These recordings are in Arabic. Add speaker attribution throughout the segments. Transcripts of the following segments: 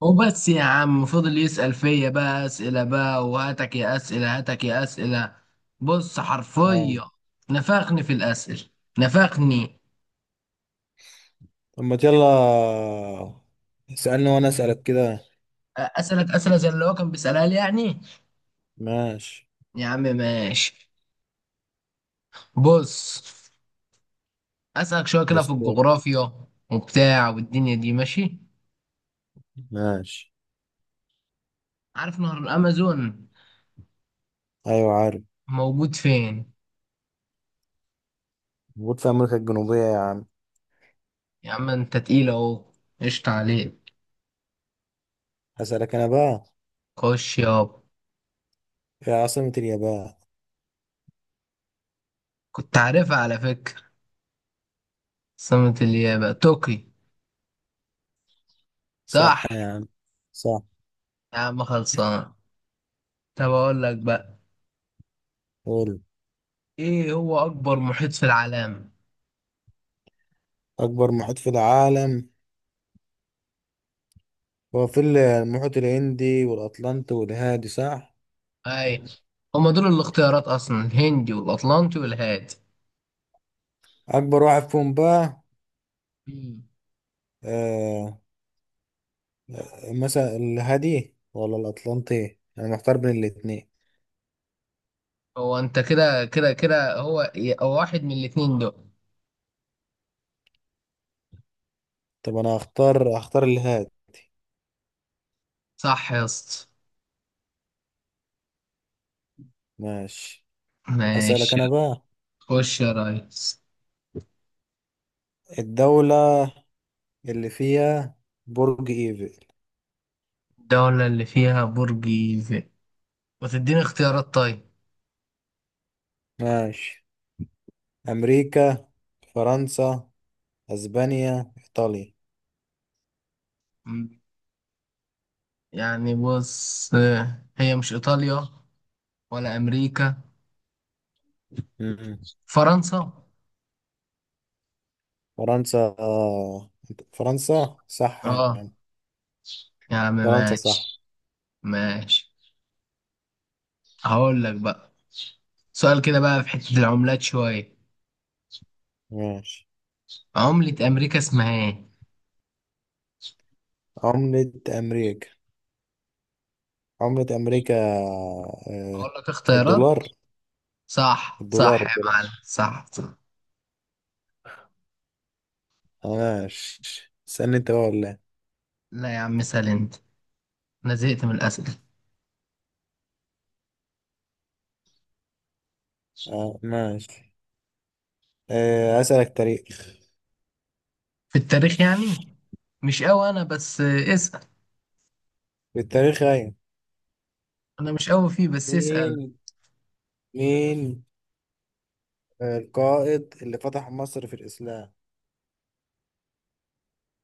Speaker 1: وبس يا عم فضل يسأل فيا بقى أسئلة بقى، وهاتك يا أسئلة هاتك يا أسئلة. بص
Speaker 2: اه.
Speaker 1: حرفيا، نفخني في الأسئلة، نفخني.
Speaker 2: طب ما يلا، اسألني وانا اسألك كده.
Speaker 1: أسألك أسئلة زي اللي هو كان بيسألها لي يعني.
Speaker 2: ماشي.
Speaker 1: يا عم ماشي. بص، أسألك شوية كده
Speaker 2: بس.
Speaker 1: في الجغرافيا وبتاع والدنيا دي ماشي.
Speaker 2: ماشي.
Speaker 1: عارف نهر الأمازون
Speaker 2: ايوه، عارف.
Speaker 1: موجود فين؟
Speaker 2: موجود في امريكا الجنوبية يا عم.
Speaker 1: يا عم أنت تقيل أهو. قشطة عليك.
Speaker 2: هسألك انا بقى،
Speaker 1: خش يابا.
Speaker 2: في عاصمة اليابان؟
Speaker 1: كنت عارفها على فكرة. سمة اليابا طوكيو،
Speaker 2: صح
Speaker 1: صح؟
Speaker 2: يا عم، صح.
Speaker 1: يا عم خلصان. طب اقول لك بقى،
Speaker 2: قول.
Speaker 1: ايه هو اكبر محيط في العالم؟
Speaker 2: اكبر محيط في العالم هو في المحيط الهندي والاطلنطي والهادي، صح؟
Speaker 1: اي، هما دول الاختيارات اصلا، الهندي والاطلنطي والهادي.
Speaker 2: اكبر واحد فيهم بقى.
Speaker 1: مم.
Speaker 2: آه. مثلا الهادي ولا الاطلنطي؟ انا محتار بين الاتنين.
Speaker 1: هو انت كده كده كده هو واحد من الاتنين دول.
Speaker 2: طب انا هختار الهادي.
Speaker 1: صح يا اسطى.
Speaker 2: ماشي. هسألك
Speaker 1: ماشي.
Speaker 2: أنا بقى.
Speaker 1: خش يا ريس.
Speaker 2: الدولة اللي فيها برج إيفل.
Speaker 1: الدولة اللي فيها برج ايفل، وتديني اختيارات طيب.
Speaker 2: ماشي. أمريكا، فرنسا، أسبانيا، إيطاليا.
Speaker 1: مم. يعني بص، هي مش ايطاليا ولا امريكا،
Speaker 2: مم.
Speaker 1: فرنسا.
Speaker 2: فرنسا. آه. فرنسا صح
Speaker 1: اه،
Speaker 2: يعني.
Speaker 1: يا عم
Speaker 2: فرنسا صح.
Speaker 1: ماشي. ماشي. هقول لك بقى سؤال كده بقى في حتة العملات شوية.
Speaker 2: ماشي.
Speaker 1: عملة أمريكا اسمها إيه؟
Speaker 2: عملة أمريكا. عملة أمريكا. آه.
Speaker 1: هقول لك اختيارات.
Speaker 2: الدولار.
Speaker 1: صح
Speaker 2: الدولار.
Speaker 1: صح يا
Speaker 2: الدولار.
Speaker 1: معلم، صح صح.
Speaker 2: ماشي. استنى أنت بقى ولا إيه؟
Speaker 1: لا يا عم، اسأل أنت، أنا زهقت من الأسئلة.
Speaker 2: آه. ماشي. آه. أسألك تاريخ.
Speaker 1: في التاريخ يعني مش قوي أنا، بس اسأل.
Speaker 2: التاريخ، أيوة.
Speaker 1: أنا مش قوي فيه، بس اسأل.
Speaker 2: مين مين القائد اللي فتح مصر في الإسلام.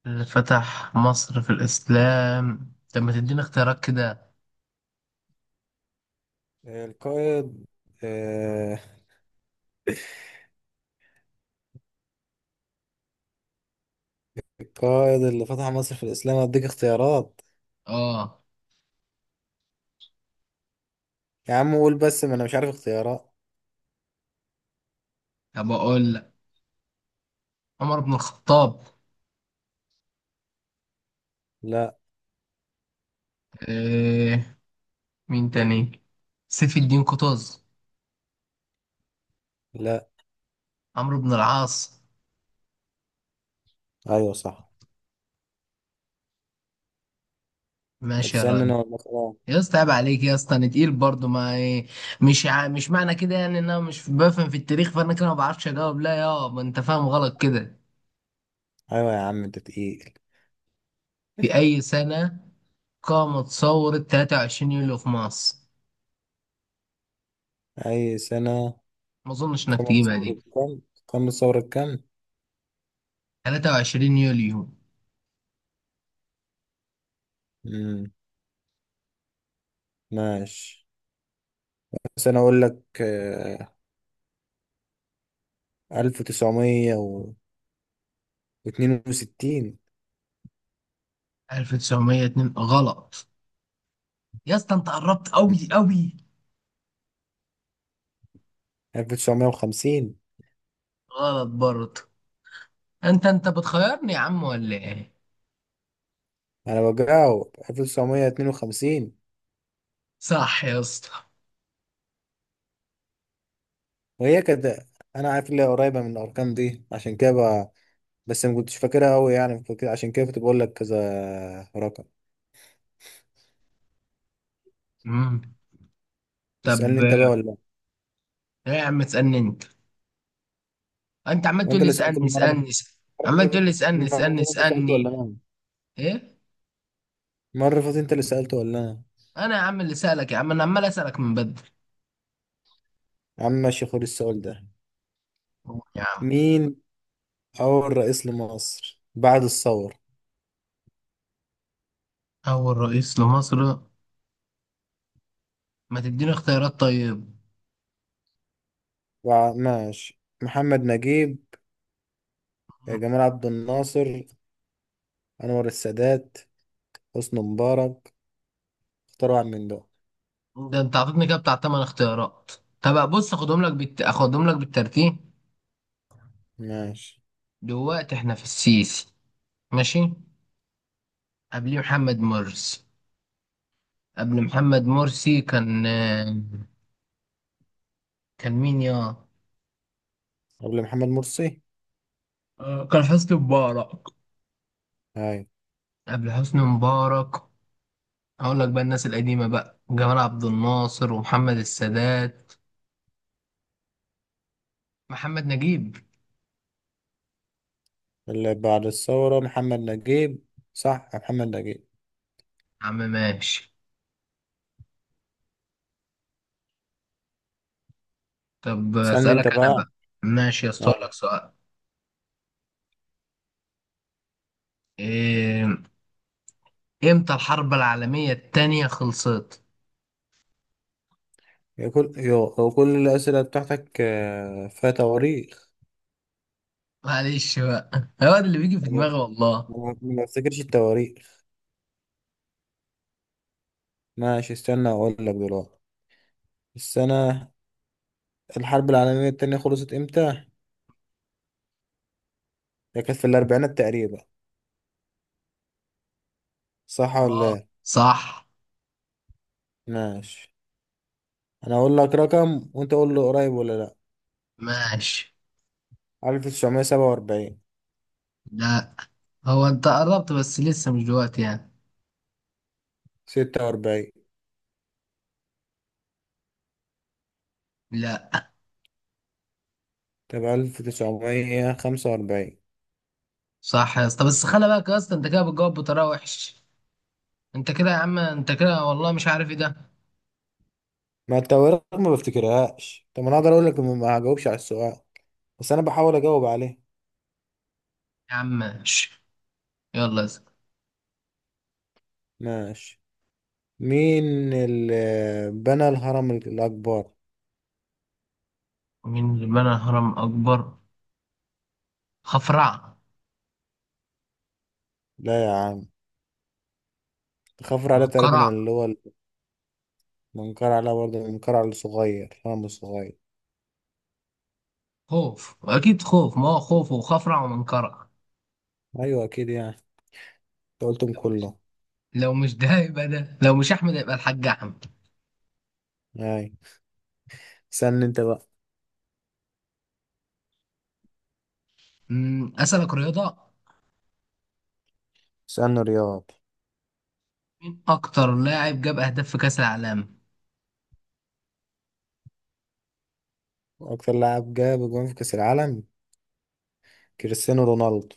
Speaker 1: اللي فتح مصر في الإسلام؟ طب ما تديني اختيارات كده.
Speaker 2: القائد، آه، القائد اللي فتح مصر في الإسلام. أديك اختيارات؟
Speaker 1: آه،
Speaker 2: يا عم قول بس، ما أنا مش عارف اختيارات.
Speaker 1: طب أقول لك، عمر بن الخطاب؟
Speaker 2: لا،
Speaker 1: إيه، مين تاني؟ سيف الدين قطز؟
Speaker 2: لا.
Speaker 1: عمرو بن العاص؟
Speaker 2: أيوة صح.
Speaker 1: ماشي يا
Speaker 2: هتسألني
Speaker 1: ريس.
Speaker 2: أنا ولا خلاص؟
Speaker 1: يا اسطى عيب عليك يا اسطى، انا تقيل برضه، ما إيه، مش معنى كده يعني ان انا مش بفهم في التاريخ، فانا كده ما بعرفش اجاوب، لا، يا ما انت فاهم غلط كده.
Speaker 2: أيوة يا عم أنت تقيل.
Speaker 1: في اي سنة قامت ثورة 23 يوليو في مصر؟
Speaker 2: أي سنة؟
Speaker 1: ما اظنش انك
Speaker 2: كم
Speaker 1: تجيبها
Speaker 2: ثورة
Speaker 1: دي.
Speaker 2: كم، كم ثورة كم.
Speaker 1: 23 يوليو.
Speaker 2: مم. ماشي. بس أنا أقول لك، آه، 1962.
Speaker 1: 1902 غلط. يا اسطى انت قربت قوي قوي.
Speaker 2: 1950.
Speaker 1: غلط برضه. انت بتخيرني يا عم ولا ايه؟
Speaker 2: انا بجاوب 1952.
Speaker 1: صح يا اسطى.
Speaker 2: وهي كانت، انا عارف اللي هي قريبه من الارقام دي عشان كده بس ما كنتش فاكرها قوي يعني عشان كده كنت بقول لك كذا رقم.
Speaker 1: مم. طب
Speaker 2: اسالني انت بقى
Speaker 1: ايه.
Speaker 2: ولا لا؟
Speaker 1: يا عم تسألني انت. انت عمال تقول
Speaker 2: وانت
Speaker 1: لي
Speaker 2: اللي سالت
Speaker 1: اسالني
Speaker 2: المره اللي
Speaker 1: اسالني اسألني.
Speaker 2: فاتت.
Speaker 1: عمال
Speaker 2: المره اللي
Speaker 1: تقول لي اسالني اسالني
Speaker 2: فاتت انت سالت
Speaker 1: اسالني.
Speaker 2: ولا انا؟
Speaker 1: ايه؟
Speaker 2: المره اللي فاتت انت اللي سالت ولا انا؟
Speaker 1: انا يا عم اللي سالك، يا عم انا عمال اسالك من بدري.
Speaker 2: يا عم ماشي، خد السؤال ده.
Speaker 1: قول يا عم.
Speaker 2: مين اول رئيس لمصر بعد الثوره؟
Speaker 1: اول رئيس لمصر. ما تديني اختيارات طيب.
Speaker 2: ماشي. محمد نجيب، جمال عبد الناصر، انور السادات، حسني مبارك. اختار واحد من دول.
Speaker 1: ده انت عطيتني كده بتاع تمن اختيارات. طب بص، اخدهم لك بالترتيب.
Speaker 2: ماشي.
Speaker 1: دلوقتي احنا في السيسي. ماشي. قبليه محمد مرسي. قبل محمد مرسي كان مين يا...
Speaker 2: قبل محمد مرسي؟
Speaker 1: كان حسني مبارك.
Speaker 2: ايوه.
Speaker 1: قبل حسني مبارك اقول لك بقى الناس القديمه بقى، جمال عبد الناصر ومحمد السادات، محمد نجيب يا
Speaker 2: اللي بعد الثورة محمد نجيب. صح، محمد نجيب.
Speaker 1: عم. ماشي. طب
Speaker 2: سألني انت
Speaker 1: اسالك انا
Speaker 2: بقى.
Speaker 1: بقى. ماشي اسالك
Speaker 2: ايوه.
Speaker 1: لك سؤال. إيه... امتى الحرب العالميه التانية خلصت؟
Speaker 2: هو كل الأسئلة بتاعتك آه، فيها تواريخ.
Speaker 1: معلش بقى هو ده اللي بيجي في
Speaker 2: ما
Speaker 1: دماغي والله.
Speaker 2: ما بفتكرش التواريخ. ماشي، استنى اقول لك دلوقتي. السنة، الحرب العالمية التانية خلصت امتى؟ هي كانت في الأربعينات تقريبا، صح ولا
Speaker 1: اه،
Speaker 2: لا؟
Speaker 1: صح.
Speaker 2: ماشي. أنا أقول لك رقم وأنت قول له قريب ولا لأ.
Speaker 1: ماشي.
Speaker 2: 1947.
Speaker 1: لا، هو انت قربت بس لسه مش دلوقتي يعني.
Speaker 2: 46.
Speaker 1: لا.
Speaker 2: طب 1945.
Speaker 1: صح يا اسطى، بس خلي بالك يا اسطى، انت كده بتجاوب بطريقه وحش. انت كده يا عم، انت كده والله مش عارف ايه ده.
Speaker 2: ما انت ورق، ما بفتكرهاش. طب انا اقدر اقول لك ما هجاوبش على السؤال، بس انا بحاول اجاوب عليه.
Speaker 1: يا عم ماشي. يلا اسأل.
Speaker 2: ماشي. مين اللي بنى الهرم الاكبر؟
Speaker 1: مين اللي بنى هرم أكبر؟ خفرع؟
Speaker 2: لا يا عم. خفر عليه تقريبا،
Speaker 1: منقرع؟
Speaker 2: اللي هو المنقرع عليه برضه. المنقرع الصغير الهرم الصغير.
Speaker 1: خوف أكيد، خوف، ما هو خوف وخفرع ومنقرع.
Speaker 2: ايوه اكيد يعني. انت قلتهم
Speaker 1: لو مش
Speaker 2: كله.
Speaker 1: لو مش ده يبقى ده، لو مش أحمد يبقى الحاج أحمد.
Speaker 2: اي. استنى انت بقى.
Speaker 1: أسألك رياضة.
Speaker 2: استنى رياض.
Speaker 1: مين أكتر لاعب جاب أهداف في كأس العالم؟
Speaker 2: اكتر لاعب جاب جون في كاس العالم. كريستيانو رونالدو،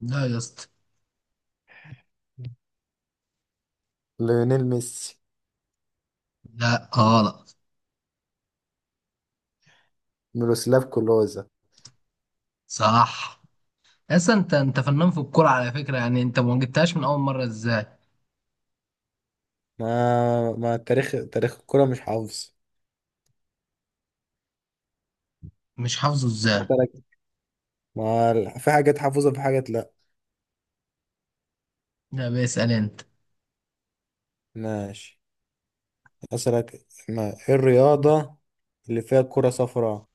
Speaker 1: لا يا اسطى.
Speaker 2: ليونيل ميسي،
Speaker 1: لا غلط.
Speaker 2: ميروسلاف كلوزا.
Speaker 1: صح. أصلا أنت فنان في الكورة على فكرة يعني، أنت ما جبتهاش من أول مرة إزاي؟
Speaker 2: ما التاريخ، تاريخ الكرة مش حافظ.
Speaker 1: مش حافظه إزاي؟
Speaker 2: هسألك. ما ال- في حاجات حافظها، في حاجات لأ.
Speaker 1: لا، بيسأل أنت.
Speaker 2: ماشي. أسألك، ما إيه الرياضة اللي فيها كرة صفراء؟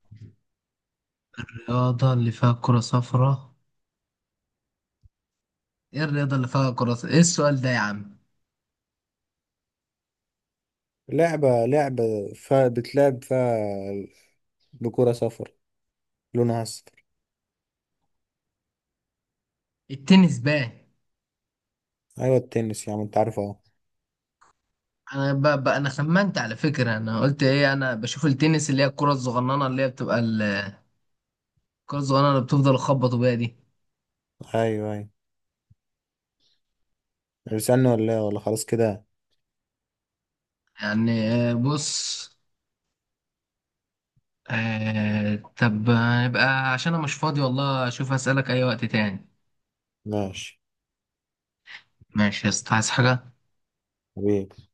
Speaker 1: الرياضة اللي فيها كرة صفراء؟ إيه الرياضة اللي فيها كرة صفراء؟ إيه السؤال ده يا عم؟
Speaker 2: لعبة فيها بتلعب فيها بكرة صفراء، لونها أصفر.
Speaker 1: التنس بقى.
Speaker 2: أيوة، التنس يا عم، أنت عارف أهو.
Speaker 1: انا خمنت على فكره، انا قلت ايه، انا بشوف التنس اللي هي الكره الصغننه اللي هي بتبقى الكره الصغننه اللي بتفضل تخبطوا بيها دي.
Speaker 2: أيوة، أيوة. اسألني ولا إيه ولا خلاص كده؟
Speaker 1: يعني بص. طب يبقى عشان انا مش فاضي والله، اشوف اسالك اي وقت تاني.
Speaker 2: ماشي.
Speaker 1: ماشي يا اسطى، عايز حاجه؟
Speaker 2: حبيبي.